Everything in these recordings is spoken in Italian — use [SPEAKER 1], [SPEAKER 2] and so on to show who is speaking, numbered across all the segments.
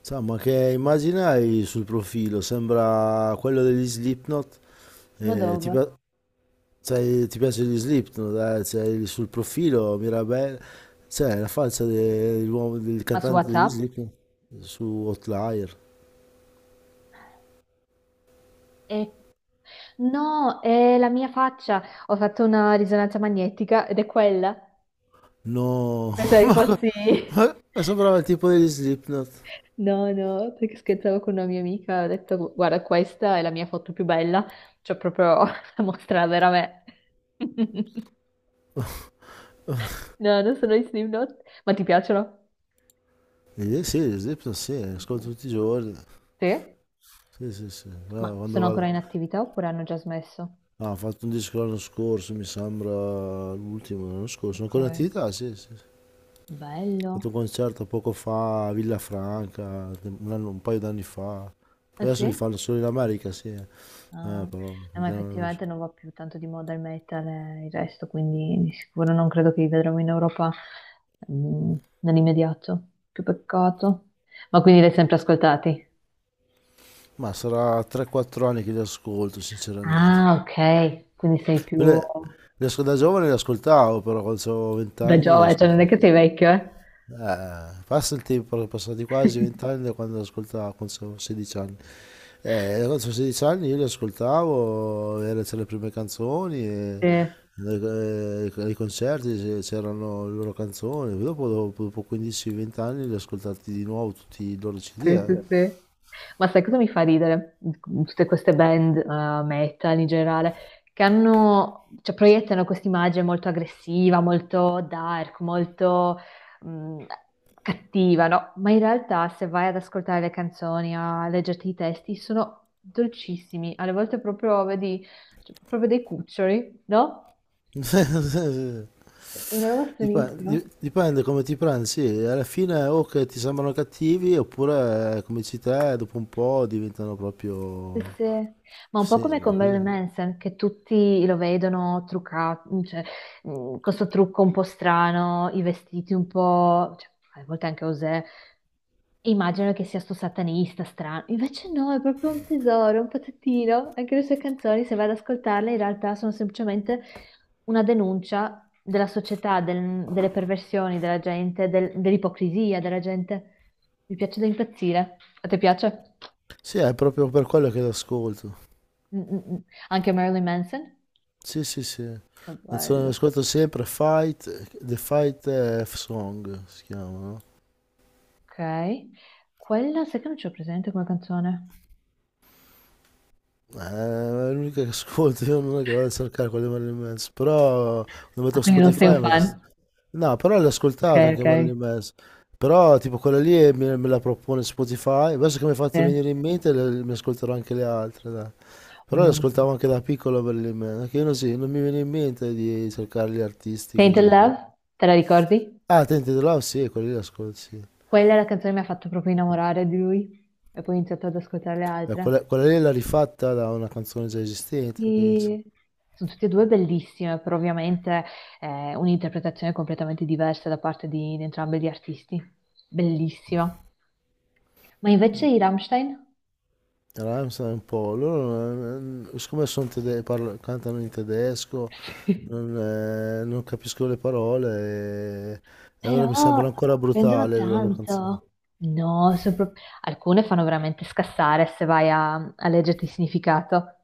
[SPEAKER 1] Insomma, che immagine hai sul profilo? Sembra quello degli Slipknot.
[SPEAKER 2] Ma
[SPEAKER 1] Eh, ti,
[SPEAKER 2] dove?
[SPEAKER 1] pi- Sai, ti piace gli Slipknot? Eh? C'hai sul profilo Mirabel, c'è la faccia del
[SPEAKER 2] Ma su
[SPEAKER 1] cantante degli
[SPEAKER 2] WhatsApp?
[SPEAKER 1] Slipknot su Outlier.
[SPEAKER 2] Eh, no, è la mia faccia. Ho fatto una risonanza magnetica ed è quella.
[SPEAKER 1] No,
[SPEAKER 2] Pensavi
[SPEAKER 1] ma, co-
[SPEAKER 2] fossi...
[SPEAKER 1] ma- ma sembrava il tipo degli Slipknot.
[SPEAKER 2] No, no, perché scherzavo con una mia amica, ho detto, "Gu- guarda, questa è la mia foto più bella. Cioè, proprio la mostra la vera me. No, non sono i Slipknot. Ma ti piacciono?
[SPEAKER 1] Sì, gli Slipknot sì, ascolto tutti i giorni.
[SPEAKER 2] Sì?
[SPEAKER 1] Sì, sì, sì. Ah,
[SPEAKER 2] Ma
[SPEAKER 1] quando
[SPEAKER 2] sono ancora
[SPEAKER 1] vado...
[SPEAKER 2] in attività oppure hanno già smesso?
[SPEAKER 1] Ah, ha fatto un disco l'anno scorso, mi sembra l'ultimo l'anno scorso. Sono ancora in
[SPEAKER 2] Ok,
[SPEAKER 1] attività, sì, sì, sì. Fatto
[SPEAKER 2] bello.
[SPEAKER 1] un concerto poco fa a Villafranca, un paio d'anni fa.
[SPEAKER 2] Ah
[SPEAKER 1] Poi adesso li
[SPEAKER 2] sì?
[SPEAKER 1] fanno solo in America, sì.
[SPEAKER 2] Ah,
[SPEAKER 1] Però,
[SPEAKER 2] ma
[SPEAKER 1] perché non-
[SPEAKER 2] effettivamente non va più tanto di moda il metal e il resto, quindi di sicuro non credo che li vedremo in Europa mm, nell'immediato. Che peccato. Ma quindi li hai sempre ascoltati?
[SPEAKER 1] Ma sarà 3-4 anni che li ascolto, sinceramente.
[SPEAKER 2] Ah, ok, quindi sei
[SPEAKER 1] Poi
[SPEAKER 2] più
[SPEAKER 1] le asco- Da giovane li ascoltavo, però quando avevo 20
[SPEAKER 2] da
[SPEAKER 1] anni li
[SPEAKER 2] giovane, cioè non è
[SPEAKER 1] ascoltavo.
[SPEAKER 2] che sei vecchio, eh?
[SPEAKER 1] Passa il tempo, sono passati quasi 20 anni da quando ascoltavo, quando avevo 16 anni. Quando avevo 16 anni io li ascoltavo, c'erano le prime canzoni, e
[SPEAKER 2] Sì.
[SPEAKER 1] ai concerti c'erano le loro canzoni. Poi dopo 15-20 anni li ho ascoltati di nuovo tutti i loro CD.
[SPEAKER 2] Sì, sì, sì. Ma sai cosa mi fa ridere? Tutte queste band, metal in generale, che hanno, cioè, proiettano questa immagine molto aggressiva, molto dark, molto mh, cattiva, no? Ma in realtà, se vai ad ascoltare le canzoni, a leggerti i testi, sono dolcissimi. Alle volte proprio vedi, cioè, proprio dei cuccioli, no? È una roba stranissima.
[SPEAKER 1] Dipende, come ti prendi, sì, alla fine o che ti sembrano cattivi oppure come dici te, dopo un po' diventano
[SPEAKER 2] Sì,
[SPEAKER 1] proprio...
[SPEAKER 2] sì. Ma un po'
[SPEAKER 1] Sì,
[SPEAKER 2] come con Marilyn
[SPEAKER 1] così.
[SPEAKER 2] Manson, che tutti lo vedono truccato, cioè, con questo trucco un po' strano, i vestiti un po', cioè, a volte anche Osè, immagino che sia sto satanista strano, invece no, è proprio un tesoro, un pezzettino, anche le sue canzoni, se vado ad ascoltarle, in realtà sono semplicemente una denuncia della società, del- delle perversioni della gente, del- dell'ipocrisia della gente. Mi piace da impazzire. A te piace?
[SPEAKER 1] Sì, è proprio per quello che l'ascolto.
[SPEAKER 2] Mm, mm, mm. Anche Marilyn Manson?
[SPEAKER 1] Sì, sì, sì.
[SPEAKER 2] Che
[SPEAKER 1] Canzone che
[SPEAKER 2] bello.
[SPEAKER 1] ascolto sempre Fight, The Fight F Song si chiama, no?
[SPEAKER 2] Ok. Quella sai che non ce l'ho presente come canzone?
[SPEAKER 1] Eh, È l'unica che ascolto, io non è che la vado a cercare quelle di Marilyn Manson, però lo
[SPEAKER 2] Ah,
[SPEAKER 1] metto su
[SPEAKER 2] quindi non sei un
[SPEAKER 1] Spotify, metto...
[SPEAKER 2] fan?
[SPEAKER 1] No, però l'ho
[SPEAKER 2] Ok,
[SPEAKER 1] ascoltata anche
[SPEAKER 2] ok.
[SPEAKER 1] Marilyn Manson, però tipo quella lì me la propone Spotify, adesso che mi hai fatto
[SPEAKER 2] Sì.
[SPEAKER 1] venire in mente mi ascolterò anche le altre, dai. Però le
[SPEAKER 2] Mm.
[SPEAKER 1] ascoltavo anche da piccolo Marilyn Manson, che io non, sì, non mi viene in mente di cercare gli artisti
[SPEAKER 2] Tainted
[SPEAKER 1] così, però...
[SPEAKER 2] Love, te la ricordi?
[SPEAKER 1] Ah, Tente the Love, sì, quella lì l'ascolto, sì.
[SPEAKER 2] Quella è la canzone che mi ha fatto proprio innamorare di lui e poi ho iniziato ad ascoltare le
[SPEAKER 1] Beh,
[SPEAKER 2] altre.
[SPEAKER 1] quella lì l'ha rifatta da una canzone già esistente, penso.
[SPEAKER 2] E sono tutte e due bellissime, però ovviamente è un'interpretazione completamente diversa da parte di entrambi gli artisti. Bellissima. Ma invece i Rammstein?
[SPEAKER 1] Rammstein è un po', loro siccome sono cantano in tedesco, non capisco le parole, e allora mi sembra
[SPEAKER 2] Però
[SPEAKER 1] ancora
[SPEAKER 2] prendono
[SPEAKER 1] brutale le loro canzoni.
[SPEAKER 2] tanto. No, sono pro- alcune fanno veramente scassare se vai a, a leggerti il significato.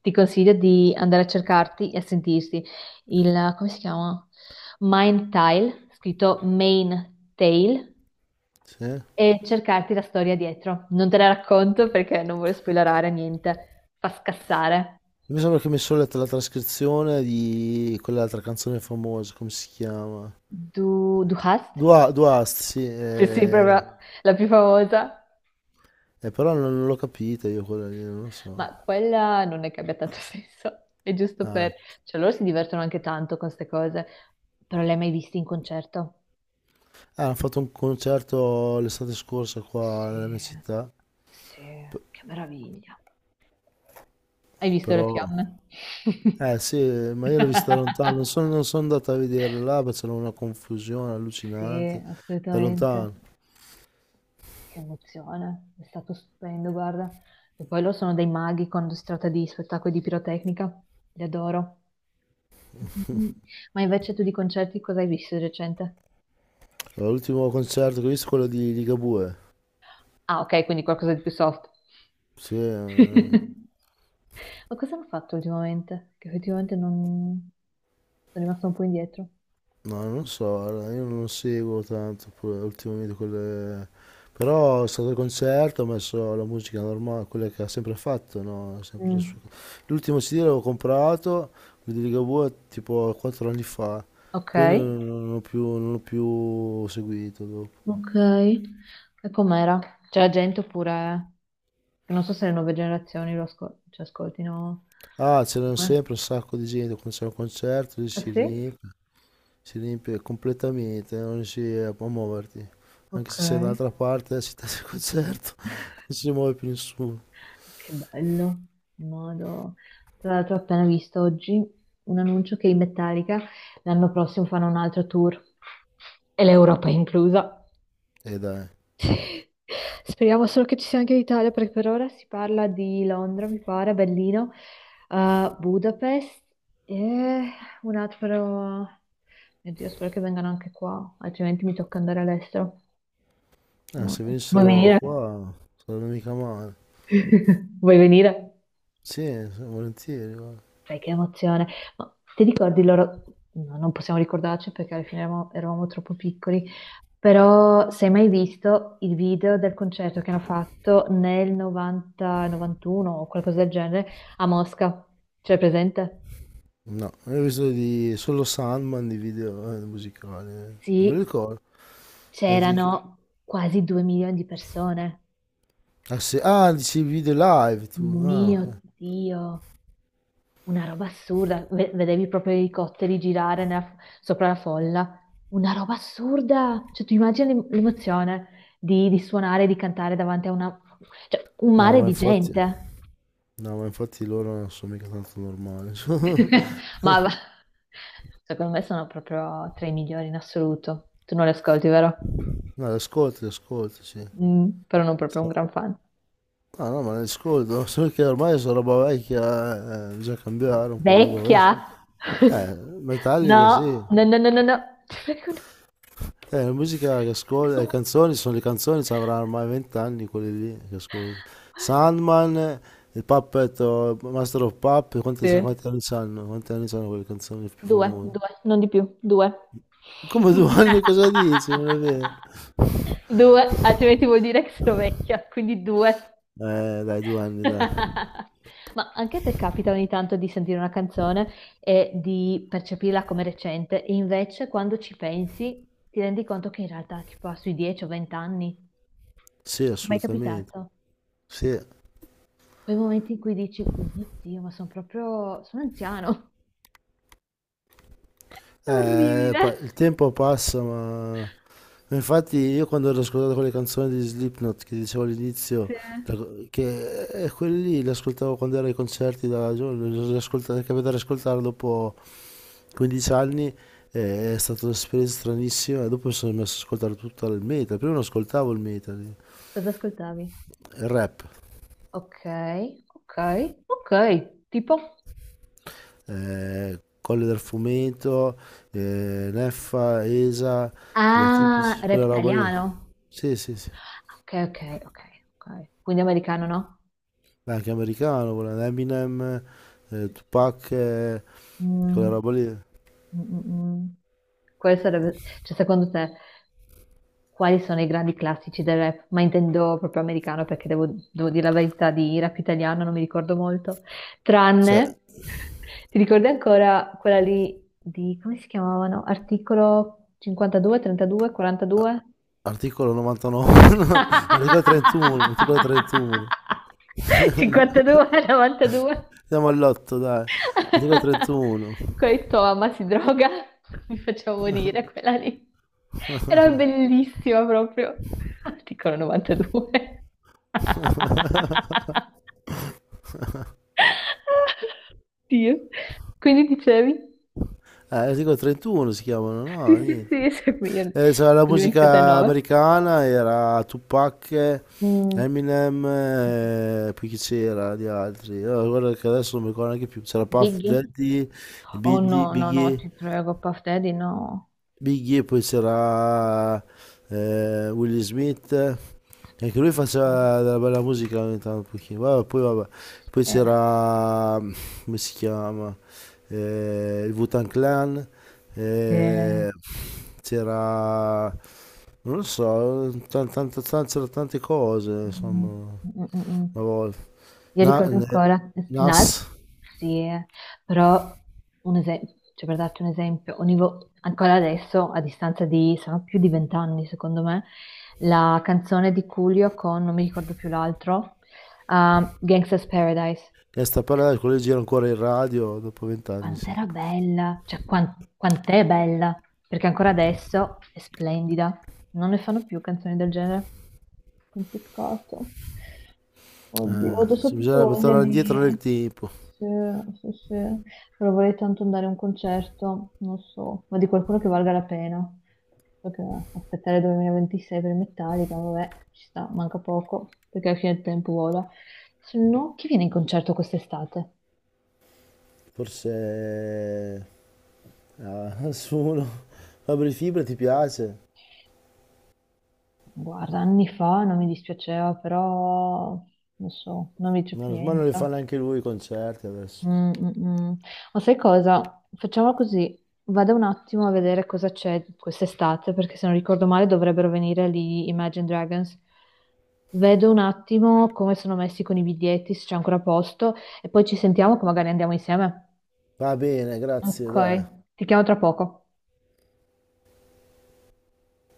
[SPEAKER 2] Ti consiglio di andare a cercarti e a sentirsi il, come si chiama? Mind Tile, scritto Main Tale,
[SPEAKER 1] Sì?
[SPEAKER 2] e cercarti la storia dietro. Non te la racconto perché non voglio spoilerare niente. Fa scassare.
[SPEAKER 1] Mi sembra che mi sono letto la trascrizione di quell'altra canzone famosa, come si chiama?
[SPEAKER 2] Du, Du hast?
[SPEAKER 1] Duast, sì.
[SPEAKER 2] Sì, sì, proprio la più famosa.
[SPEAKER 1] Però non l'ho capita io quella lì, non lo so.
[SPEAKER 2] Ma quella non è che abbia tanto senso, è giusto
[SPEAKER 1] Ah,
[SPEAKER 2] per... Cioè loro si divertono anche tanto con queste cose, però le hai mai viste in concerto?
[SPEAKER 1] ah, hanno fatto un concerto l'estate scorsa qua
[SPEAKER 2] Sì,
[SPEAKER 1] nella mia città,
[SPEAKER 2] sì,
[SPEAKER 1] p-
[SPEAKER 2] che meraviglia. Hai visto le
[SPEAKER 1] però...
[SPEAKER 2] fiamme?
[SPEAKER 1] Eh sì, ma io l'ho vista da lontano, non sono andato a vederla là, perché c'era una confusione
[SPEAKER 2] Sì,
[SPEAKER 1] allucinante, da
[SPEAKER 2] assolutamente.
[SPEAKER 1] lontano.
[SPEAKER 2] Che emozione, è stato stupendo, guarda. E poi loro sono dei maghi quando si tratta di spettacoli di pirotecnica, li adoro. Mm, mm, mm. Ma invece tu di concerti cosa hai visto di recente?
[SPEAKER 1] L'ultimo concerto che ho visto è quello di Ligabue.
[SPEAKER 2] Ah, ok, quindi qualcosa di più soft.
[SPEAKER 1] Sì.
[SPEAKER 2] Ma cosa hanno fatto ultimamente? Che effettivamente non... sono rimasto un po' indietro.
[SPEAKER 1] No, non so, guarda, io non seguo tanto pure ultimamente quelle... Però è stato il concerto, ho messo la musica normale, quella che ha sempre fatto, no? Sempre le
[SPEAKER 2] Mm,
[SPEAKER 1] sue- L'ultimo CD l'avevo comprato, quello di Ligabue, tipo 4 anni fa.
[SPEAKER 2] Ok,
[SPEAKER 1] Poi non ho più, non l'ho più seguito dopo.
[SPEAKER 2] ok. E com'era? C'è la gente oppure... Non so se le nuove generazioni lo ascol- ci ascoltino.
[SPEAKER 1] Ah, c'erano
[SPEAKER 2] Eh.
[SPEAKER 1] sempre un sacco di gente, quando c'è un concerto lì
[SPEAKER 2] Ah sì?
[SPEAKER 1] si riempie completamente, non riesci a muoverti. Anche
[SPEAKER 2] Ok,
[SPEAKER 1] se sei dall'altra parte, si testa il concerto, non si muove più nessuno.
[SPEAKER 2] che bello. Modo. Tra l'altro ho appena visto oggi un annuncio che i Metallica l'anno prossimo fanno un altro tour e l'Europa è inclusa.
[SPEAKER 1] E dai,
[SPEAKER 2] Speriamo solo che ci sia anche l'Italia, perché per ora si parla di Londra, mi pare, Berlino, Budapest e un altro... Mio Dio, spero che vengano anche qua, altrimenti mi tocca andare all'estero.
[SPEAKER 1] Se
[SPEAKER 2] Molto. Vuoi
[SPEAKER 1] venissero
[SPEAKER 2] venire?
[SPEAKER 1] qua sarebbe mica male.
[SPEAKER 2] Vuoi venire?
[SPEAKER 1] Sì, sì, volentieri, guarda.
[SPEAKER 2] Sai che emozione. Ma ti ricordi loro? No, non possiamo ricordarci perché alla fine eravamo, eravamo troppo piccoli, però se hai mai visto il video del concerto che hanno fatto nel 90, 91 o qualcosa del genere a Mosca? C'è presente?
[SPEAKER 1] No, io ho visto solo Sandman di video musicali. Non me lo
[SPEAKER 2] Sì,
[SPEAKER 1] ricordo. E dici che-
[SPEAKER 2] c'erano quasi due milioni di persone.
[SPEAKER 1] Ah, se, dici i video live tu. Ah,
[SPEAKER 2] Mio
[SPEAKER 1] ok.
[SPEAKER 2] Dio, una roba assurda, ve- vedevi proprio i elicotteri girare nella- sopra la folla. Una roba assurda! Cioè, tu immagini l'em- l'emozione di suonare, di cantare davanti a una... cioè, un
[SPEAKER 1] No,
[SPEAKER 2] mare
[SPEAKER 1] ma
[SPEAKER 2] di
[SPEAKER 1] infatti,
[SPEAKER 2] gente.
[SPEAKER 1] no, ma infatti loro non sono mica tanto normali.
[SPEAKER 2] Ma va- secondo me sono proprio tra i migliori in assoluto. Tu non li ascolti, vero?
[SPEAKER 1] No, le ascolti, sì.
[SPEAKER 2] Mm, però non proprio un
[SPEAKER 1] Sta-
[SPEAKER 2] gran fan.
[SPEAKER 1] No, no, ma le ascolto, solo che ormai sono roba vecchia, bisogna cambiare un po' quello.
[SPEAKER 2] Vecchia!
[SPEAKER 1] Eh, Metallica
[SPEAKER 2] No,
[SPEAKER 1] sì.
[SPEAKER 2] no, no, no, no, no. Ti prego, no.
[SPEAKER 1] La musica che ascolto, le
[SPEAKER 2] No.
[SPEAKER 1] canzoni sono le canzoni, ci avranno ormai 20 anni quelle lì che ascolto. Sandman, il Puppet, oh, Master of Puppet, quanti,
[SPEAKER 2] Sì.
[SPEAKER 1] quanti anni sanno? Quanti anni sanno quelle canzoni più
[SPEAKER 2] Due,
[SPEAKER 1] famose?
[SPEAKER 2] due, non di più, due.
[SPEAKER 1] Come 2 anni cosa dici? Non è vero?
[SPEAKER 2] Due, altrimenti vuol dire che sono vecchia, quindi due.
[SPEAKER 1] Dai, 2 anni, dai.
[SPEAKER 2] Ma anche a te capita ogni tanto di sentire una canzone e di percepirla come recente, e invece quando ci pensi ti rendi conto che in realtà tipo ha sui 10 o 20 anni. Ti
[SPEAKER 1] Sì,
[SPEAKER 2] è mai
[SPEAKER 1] assolutamente.
[SPEAKER 2] capitato?
[SPEAKER 1] Sì.
[SPEAKER 2] Quei momenti in cui dici, mio Dio, ma sono proprio... sono anziano. È orribile.
[SPEAKER 1] Il tempo passa, ma infatti io quando ero ascoltato quelle canzoni di Slipknot che dicevo all'inizio,
[SPEAKER 2] Sì.
[SPEAKER 1] la- che quelli lì le ascoltavo quando ero ai concerti da giovane, è capitato di ascoltare dopo 15 anni, è stata un'esperienza stranissima e dopo mi sono messo ad ascoltare tutto il metal, prima non ascoltavo il metal, il
[SPEAKER 2] Cosa ascoltavi?
[SPEAKER 1] rap,
[SPEAKER 2] Ok, ok, ok, tipo?
[SPEAKER 1] Colle del Fumeto, Neffa, ESA, gli
[SPEAKER 2] Ah,
[SPEAKER 1] atipici, quella roba lì,
[SPEAKER 2] reptiliano.
[SPEAKER 1] sì, sì, sì.
[SPEAKER 2] Ok, ok, ok, ok. Quindi americano, no?
[SPEAKER 1] Ma anche americano, quella Eminem,
[SPEAKER 2] Sì, sì.
[SPEAKER 1] Tupac, quella
[SPEAKER 2] Mm,
[SPEAKER 1] roba lì.
[SPEAKER 2] mm, mm, mm. Quale sarebbe, cioè secondo te, quali sono i grandi classici del rap? Ma intendo proprio americano perché devo, devo dire la verità di rap italiano, non mi ricordo molto. Tranne,
[SPEAKER 1] Cioè,
[SPEAKER 2] ti ricordi ancora quella lì di, come si chiamavano? Articolo 52, 32, 42?
[SPEAKER 1] articolo 99, articolo 31, articolo 31.
[SPEAKER 2] 52, 92.
[SPEAKER 1] Andiamo all'otto, dai. Articolo 31.
[SPEAKER 2] Quella di tua mamma si droga, mi faceva morire quella lì. Era bellissima proprio. Articolo 92. Dio. Quindi dicevi?
[SPEAKER 1] Articolo 31 si chiamano,
[SPEAKER 2] Sì,
[SPEAKER 1] no?
[SPEAKER 2] sì,
[SPEAKER 1] Niente.
[SPEAKER 2] sì, sì, qui io- mi
[SPEAKER 1] C'era la
[SPEAKER 2] sono dimenticata il
[SPEAKER 1] musica
[SPEAKER 2] nome.
[SPEAKER 1] americana, era Tupac,
[SPEAKER 2] Mm.
[SPEAKER 1] Eminem, poi chi c'era di altri? Guarda che adesso non mi ricordo neanche più. C'era Puff
[SPEAKER 2] Biggie?
[SPEAKER 1] Daddy,
[SPEAKER 2] Oh
[SPEAKER 1] Biggie,
[SPEAKER 2] no, no, no,
[SPEAKER 1] Biggie,
[SPEAKER 2] ti prego, Puff Daddy, no.
[SPEAKER 1] Biggie, poi c'era Will Smith, anche lui faceva della bella musica ogni tanto, un pochino. Vabbè. Poi
[SPEAKER 2] Eh,
[SPEAKER 1] c'era, come si chiama, il Wu-Tang Clan,
[SPEAKER 2] eh,
[SPEAKER 1] eh, c'era, non lo so, c'erano tante cose,
[SPEAKER 2] mm,
[SPEAKER 1] insomma,
[SPEAKER 2] mm, mm, mm.
[SPEAKER 1] una volta.
[SPEAKER 2] Io
[SPEAKER 1] Na-
[SPEAKER 2] ricordo
[SPEAKER 1] ne-
[SPEAKER 2] ancora Nas,
[SPEAKER 1] Nas,
[SPEAKER 2] sì, però un esempio, cioè per darti un esempio, ogni vo- ancora adesso, a distanza di, sono più di 20 anni secondo me, la canzone di Coolio con, non mi ricordo più l'altro, Gangsta's Paradise.
[SPEAKER 1] che sta parlando, quello gira ancora in radio dopo 20 anni, sì.
[SPEAKER 2] Quant'era bella, cioè quan- quant'è bella, perché ancora adesso è splendida. Non ne fanno più canzoni del genere. Un peccato. Oddio, ho adesso ho
[SPEAKER 1] Sì,
[SPEAKER 2] proprio
[SPEAKER 1] bisognerebbe
[SPEAKER 2] voglia
[SPEAKER 1] tornare indietro nel
[SPEAKER 2] di...
[SPEAKER 1] tempo.
[SPEAKER 2] Sì, sì, sì. Però vorrei tanto andare a un concerto, non so, ma di qualcuno che valga la pena. Perché aspettare 2026 per Metallica, vabbè, ci sta, manca poco, perché alla fine il tempo vola. Se no, chi viene in concerto quest'estate?
[SPEAKER 1] Forse a nessuno. Fabri Fibra ti piace?
[SPEAKER 2] Guarda, anni fa non mi dispiaceva, però non so, non mi c'è
[SPEAKER 1] No,
[SPEAKER 2] più
[SPEAKER 1] ormai non li fa
[SPEAKER 2] niente.
[SPEAKER 1] neanche lui i concerti adesso.
[SPEAKER 2] Mm, mm, mm. Ma sai cosa? Facciamo così, vado un attimo a vedere cosa c'è quest'estate, perché se non ricordo male dovrebbero venire lì Imagine Dragons. Vedo un attimo come sono messi con i biglietti, se c'è ancora posto, e poi ci sentiamo che magari andiamo insieme.
[SPEAKER 1] Va bene,
[SPEAKER 2] Ok,
[SPEAKER 1] grazie, dai.
[SPEAKER 2] ti chiamo tra poco.